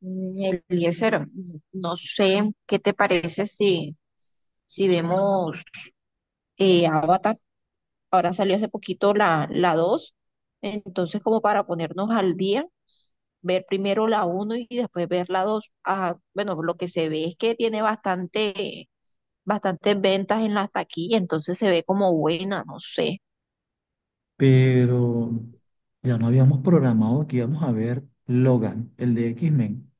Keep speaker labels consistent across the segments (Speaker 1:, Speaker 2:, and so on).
Speaker 1: Mm, Eliezer, no sé qué te parece si vemos Avatar. Ahora salió hace poquito la dos. Entonces, como para ponernos al día, ver primero la uno y después ver la dos. Ah, bueno, lo que se ve es que tiene bastantes ventas en la taquilla, entonces se ve como buena, no sé.
Speaker 2: Pero ya no habíamos programado que íbamos a ver Logan, el de X-Men.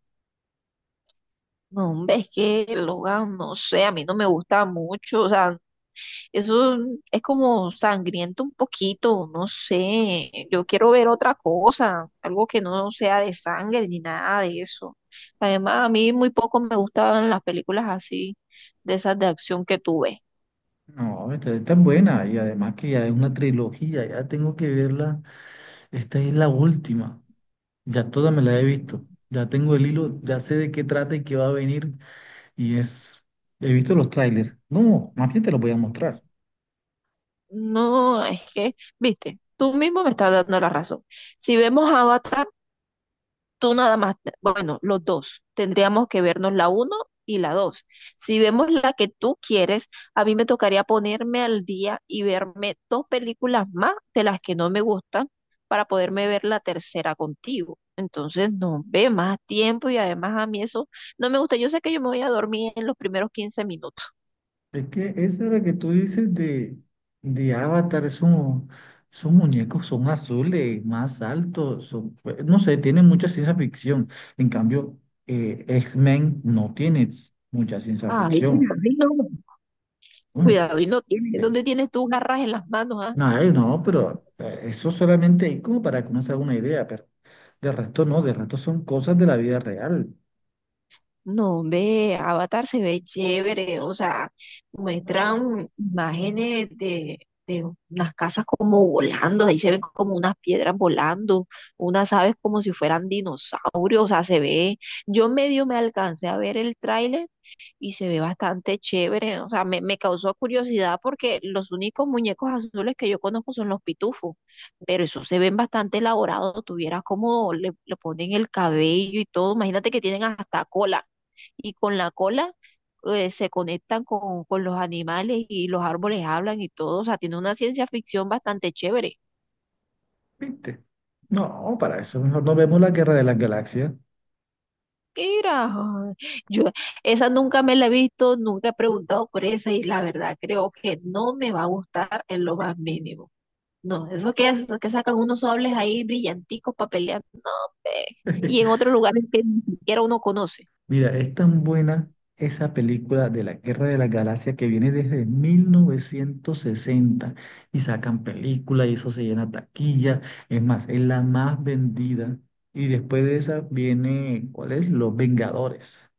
Speaker 1: No, hombre, es que Logan, no sé, a mí no me gusta mucho, o sea, eso es como sangriento un poquito, no sé. Yo quiero ver otra cosa, algo que no sea de sangre ni nada de eso. Además, a mí muy poco me gustaban las películas así, de esas de acción que tú ves.
Speaker 2: No, esta es tan buena y además que ya es una trilogía, ya tengo que verla. Esta es la última, ya toda me la he visto, ya tengo el hilo, ya sé de qué trata y qué va a venir y es, he visto los trailers. No, más bien te los voy a mostrar.
Speaker 1: No, es que, viste, tú mismo me estás dando la razón. Si vemos Avatar, tú nada más, bueno, los dos, tendríamos que vernos la uno y la dos. Si vemos la que tú quieres, a mí me tocaría ponerme al día y verme dos películas más de las que no me gustan para poderme ver la tercera contigo. Entonces, no ve más tiempo y además a mí eso no me gusta. Yo sé que yo me voy a dormir en los primeros 15 minutos.
Speaker 2: Es que esa es la que tú dices de, Avatar, son muñecos, son azules, más altos, pues, no sé, tienen mucha ciencia ficción. En cambio, X-Men no tiene mucha ciencia
Speaker 1: Ay,
Speaker 2: ficción. Bueno,
Speaker 1: cuidado y no tienes. ¿Dónde
Speaker 2: eh,
Speaker 1: tienes tú garras en las manos, ah?
Speaker 2: no, no, pero eso solamente hay como para que uno se haga una idea, pero de resto no, de resto son cosas de la vida real,
Speaker 1: No, hombre, Avatar se ve chévere, o sea, muestran imágenes de unas casas como volando, ahí se ven como unas piedras volando, unas aves como si fueran dinosaurios, o sea, se ve, yo medio me alcancé a ver el tráiler y se ve bastante chévere, o sea, me causó curiosidad porque los únicos muñecos azules que yo conozco son los pitufos, pero esos se ven bastante elaborados, tuvieras como le ponen el cabello y todo, imagínate que tienen hasta cola y con la cola se conectan con los animales y los árboles hablan y todo. O sea, tiene una ciencia ficción bastante chévere.
Speaker 2: ¿viste? No, para eso mejor no vemos la Guerra de las Galaxias.
Speaker 1: Mira, ay, yo esa nunca me la he visto, nunca he preguntado por esa y la verdad creo que no me va a gustar en lo más mínimo. No, eso que, que sacan unos sables ahí brillanticos para pelear, no, hombre. Y en otros lugares que ni siquiera uno conoce.
Speaker 2: Mira, es tan buena esa película de la Guerra de la Galaxia que viene desde 1960 y sacan película y eso se llena taquilla. Es más, es la más vendida. Y después de esa viene, ¿cuál es? Los Vengadores.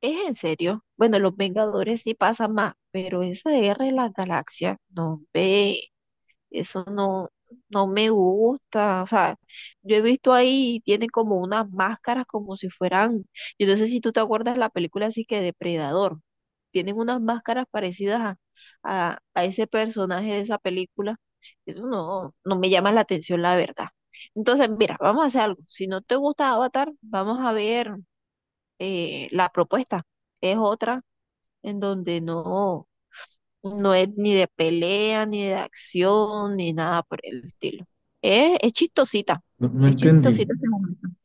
Speaker 1: Es en serio. Bueno, los Vengadores sí pasan más, pero esa de Guerra de las Galaxias, no, ve. Eso no, no me gusta. O sea, yo he visto ahí, tienen como unas máscaras como si fueran, yo no sé si tú te acuerdas la película así que Depredador. Tienen unas máscaras parecidas a, a ese personaje de esa película. Eso no, no me llama la atención, la verdad. Entonces, mira, vamos a hacer algo. Si no te gusta Avatar, vamos a ver la propuesta. Es otra en donde no. No es ni de pelea, ni de acción, ni nada por el estilo. Es chistosita,
Speaker 2: No, no
Speaker 1: es
Speaker 2: entendí,
Speaker 1: chistosita.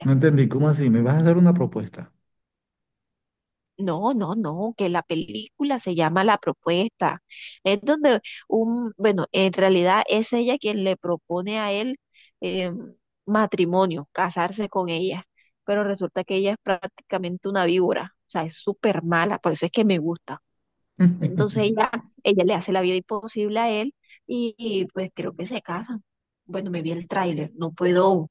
Speaker 2: no entendí. ¿Cómo así? ¿Me vas a dar una propuesta?
Speaker 1: No, no, no, que la película se llama La Propuesta. Es donde bueno, en realidad es ella quien le propone a él eh, matrimonio, casarse con ella, pero resulta que ella es prácticamente una víbora, o sea, es súper mala, por eso es que me gusta. Entonces ella le hace la vida imposible a él y pues creo que se casan. Bueno, me vi el tráiler, no puedo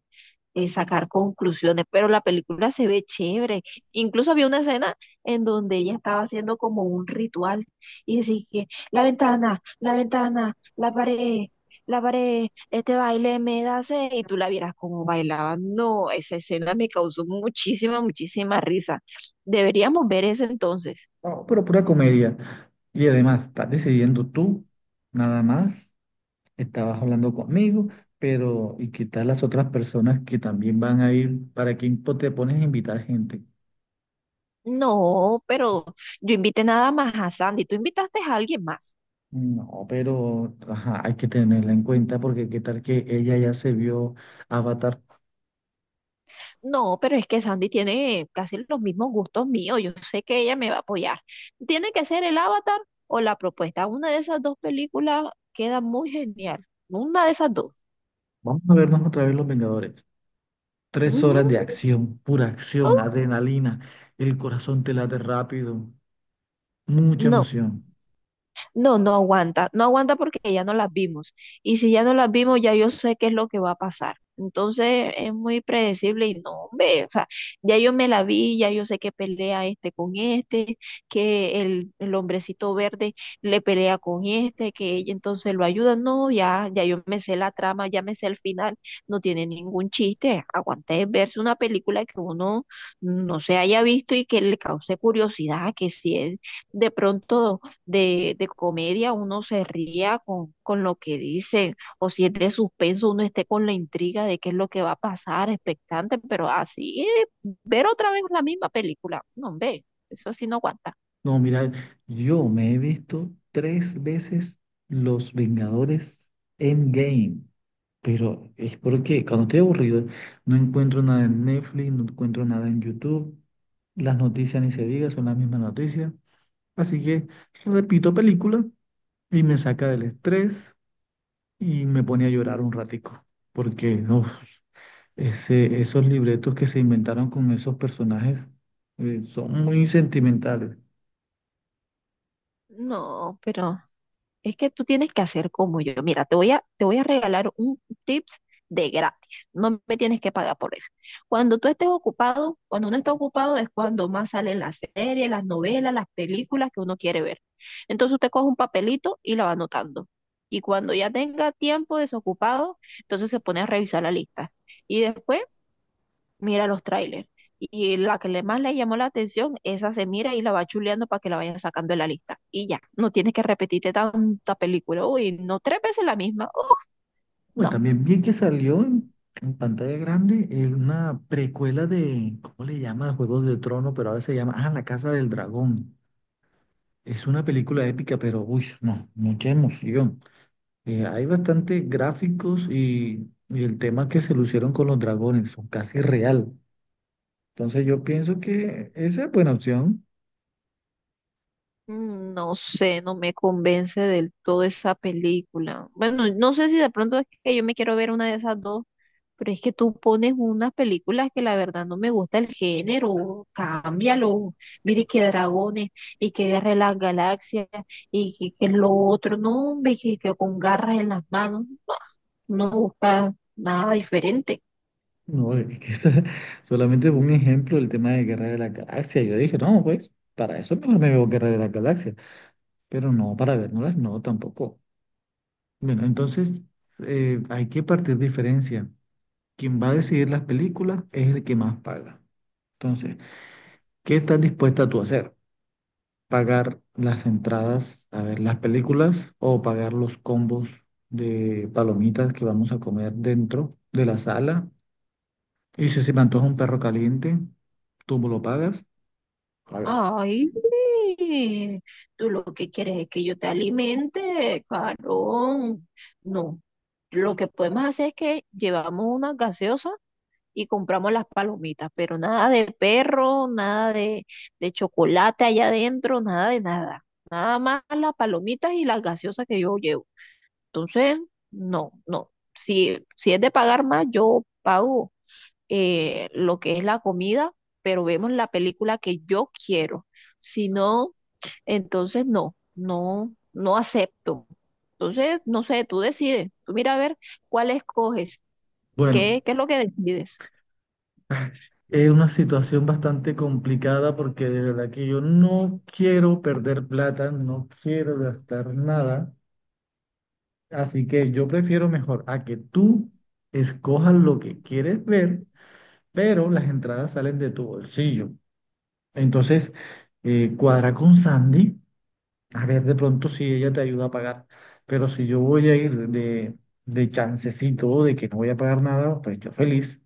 Speaker 1: sacar conclusiones, pero la película se ve chévere. Incluso había una escena en donde ella estaba haciendo como un ritual y decía que la ventana, la ventana, la pared, este baile me da sed y tú la vieras como bailaba. No, esa escena me causó muchísima, muchísima risa. Deberíamos ver ese entonces.
Speaker 2: No, pero pura comedia. Y además, estás decidiendo tú, nada más, estabas hablando conmigo, pero ¿y qué tal las otras personas que también van a ir? ¿Para quién te pones a invitar gente?
Speaker 1: No, pero yo invité nada más a Sandy. Tú invitaste a alguien más.
Speaker 2: No, pero ajá, hay que tenerla en cuenta porque qué tal que ella ya se vio Avatar.
Speaker 1: No, pero es que Sandy tiene casi los mismos gustos míos. Yo sé que ella me va a apoyar. Tiene que ser el Avatar o la propuesta. Una de esas dos películas queda muy genial. Una de esas dos.
Speaker 2: Vamos a vernos otra vez Los Vengadores. Tres
Speaker 1: No,
Speaker 2: horas de acción, pura acción, adrenalina, el corazón te late rápido, mucha
Speaker 1: no.
Speaker 2: emoción.
Speaker 1: No, no aguanta, no aguanta porque ya no las vimos. Y si ya no las vimos, ya yo sé qué es lo que va a pasar. Entonces es muy predecible y no, hombre, o sea, ya yo me la vi, ya yo sé que pelea este con este, que el hombrecito verde le pelea con este, que ella entonces lo ayuda. No, ya, ya yo me sé la trama, ya me sé el final, no tiene ningún chiste. Aguante verse una película que uno no se haya visto y que le cause curiosidad, que si es de pronto de comedia, uno se ría con lo que dicen, o si es de suspenso, uno esté con la intriga de qué es lo que va a pasar, expectante, pero así, ver otra vez la misma película, no, ve, eso así no aguanta.
Speaker 2: No, mira, yo me he visto 3 veces Los Vengadores Endgame, pero es porque cuando estoy aburrido no encuentro nada en Netflix, no encuentro nada en YouTube, las noticias ni se diga, son las mismas noticias, así que repito película y me saca del estrés y me pone a llorar un ratico, porque no, esos libretos que se inventaron con esos personajes son muy sentimentales.
Speaker 1: No, pero es que tú tienes que hacer como yo. Mira, te voy a regalar un tips de gratis. No me tienes que pagar por él. Cuando tú estés ocupado, cuando uno está ocupado es cuando más salen las series, las novelas, las películas que uno quiere ver. Entonces usted coge un papelito y la va anotando. Y cuando ya tenga tiempo desocupado, entonces se pone a revisar la lista. Y después mira los trailers. Y la que le más le llamó la atención, esa se mira y la va chuleando para que la vaya sacando de la lista. Y ya, no tienes que repetirte tanta película. Uy, no tres veces la misma.
Speaker 2: Bueno, y
Speaker 1: No.
Speaker 2: también vi que salió en pantalla grande una precuela de, ¿cómo le llama? Juegos de Trono, pero ahora se llama, ah, La Casa del Dragón. Es una película épica, pero, uy, no, mucha emoción. Hay bastante gráficos y el tema que se lucieron con los dragones, son casi real. Entonces yo pienso que esa es buena opción.
Speaker 1: No sé, no me convence del todo esa película. Bueno, no sé si de pronto es que yo me quiero ver una de esas dos. Pero es que tú pones unas películas que la verdad no me gusta el género, cámbialo. Mire que dragones y que guerra de las galaxias y que lo otro, no, hombre, que con garras en las manos, no, no busca nada diferente.
Speaker 2: No, es que esa solamente fue un ejemplo del tema de Guerra de la Galaxia. Yo dije, no, pues, para eso mejor me veo Guerra de la Galaxia. Pero no, para vernoslas, no, tampoco. Bueno, entonces hay que partir diferencia. Quien va a decidir las películas es el que más paga. Entonces, ¿qué estás dispuesta tú a hacer? ¿Pagar las entradas a ver las películas o pagar los combos de palomitas que vamos a comer dentro de la sala? Y si se me antoja un perro caliente, ¿tú me lo pagas? Claro.
Speaker 1: Ay, sí, tú lo que quieres es que yo te alimente, carón. No, lo que podemos hacer es que llevamos una gaseosa y compramos las palomitas, pero nada de perro, nada de, de chocolate allá adentro, nada de nada. Nada más las palomitas y las gaseosas que yo llevo. Entonces, no, no. Si es de pagar más, yo pago lo que es la comida, pero vemos la película que yo quiero. Si no, entonces no, no, no acepto. Entonces, no sé, tú decides. Tú mira a ver cuál escoges, qué,
Speaker 2: Bueno,
Speaker 1: qué es lo que decides.
Speaker 2: es una situación bastante complicada porque de verdad que yo no quiero perder plata, no quiero gastar nada. Así que yo prefiero mejor a que tú escojas lo que quieres ver, pero las entradas salen de tu bolsillo. Entonces, cuadra con Sandy, a ver de pronto si ella te ayuda a pagar. Pero si yo voy a ir de, chancecito, de que no voy a pagar nada, pues yo feliz.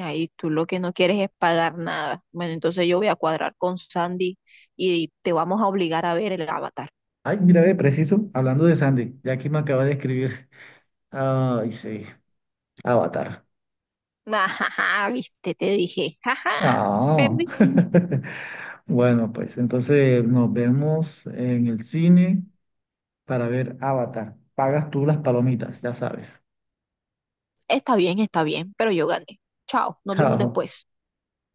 Speaker 1: Ahí tú lo que no quieres es pagar nada. Bueno, entonces yo voy a cuadrar con Sandy y te vamos a obligar a ver el Avatar.
Speaker 2: Ay, mira, ve, preciso, hablando de Sandy, ya que me acaba de escribir. Ay, sí, Avatar.
Speaker 1: Ajá, viste, te dije. Ajá,
Speaker 2: Ah.
Speaker 1: perdí.
Speaker 2: Bueno, pues entonces nos vemos en el cine, para ver Avatar. Pagas tú las palomitas, ya sabes.
Speaker 1: Está bien, pero yo gané. Chao, nos vemos
Speaker 2: Chao.
Speaker 1: después.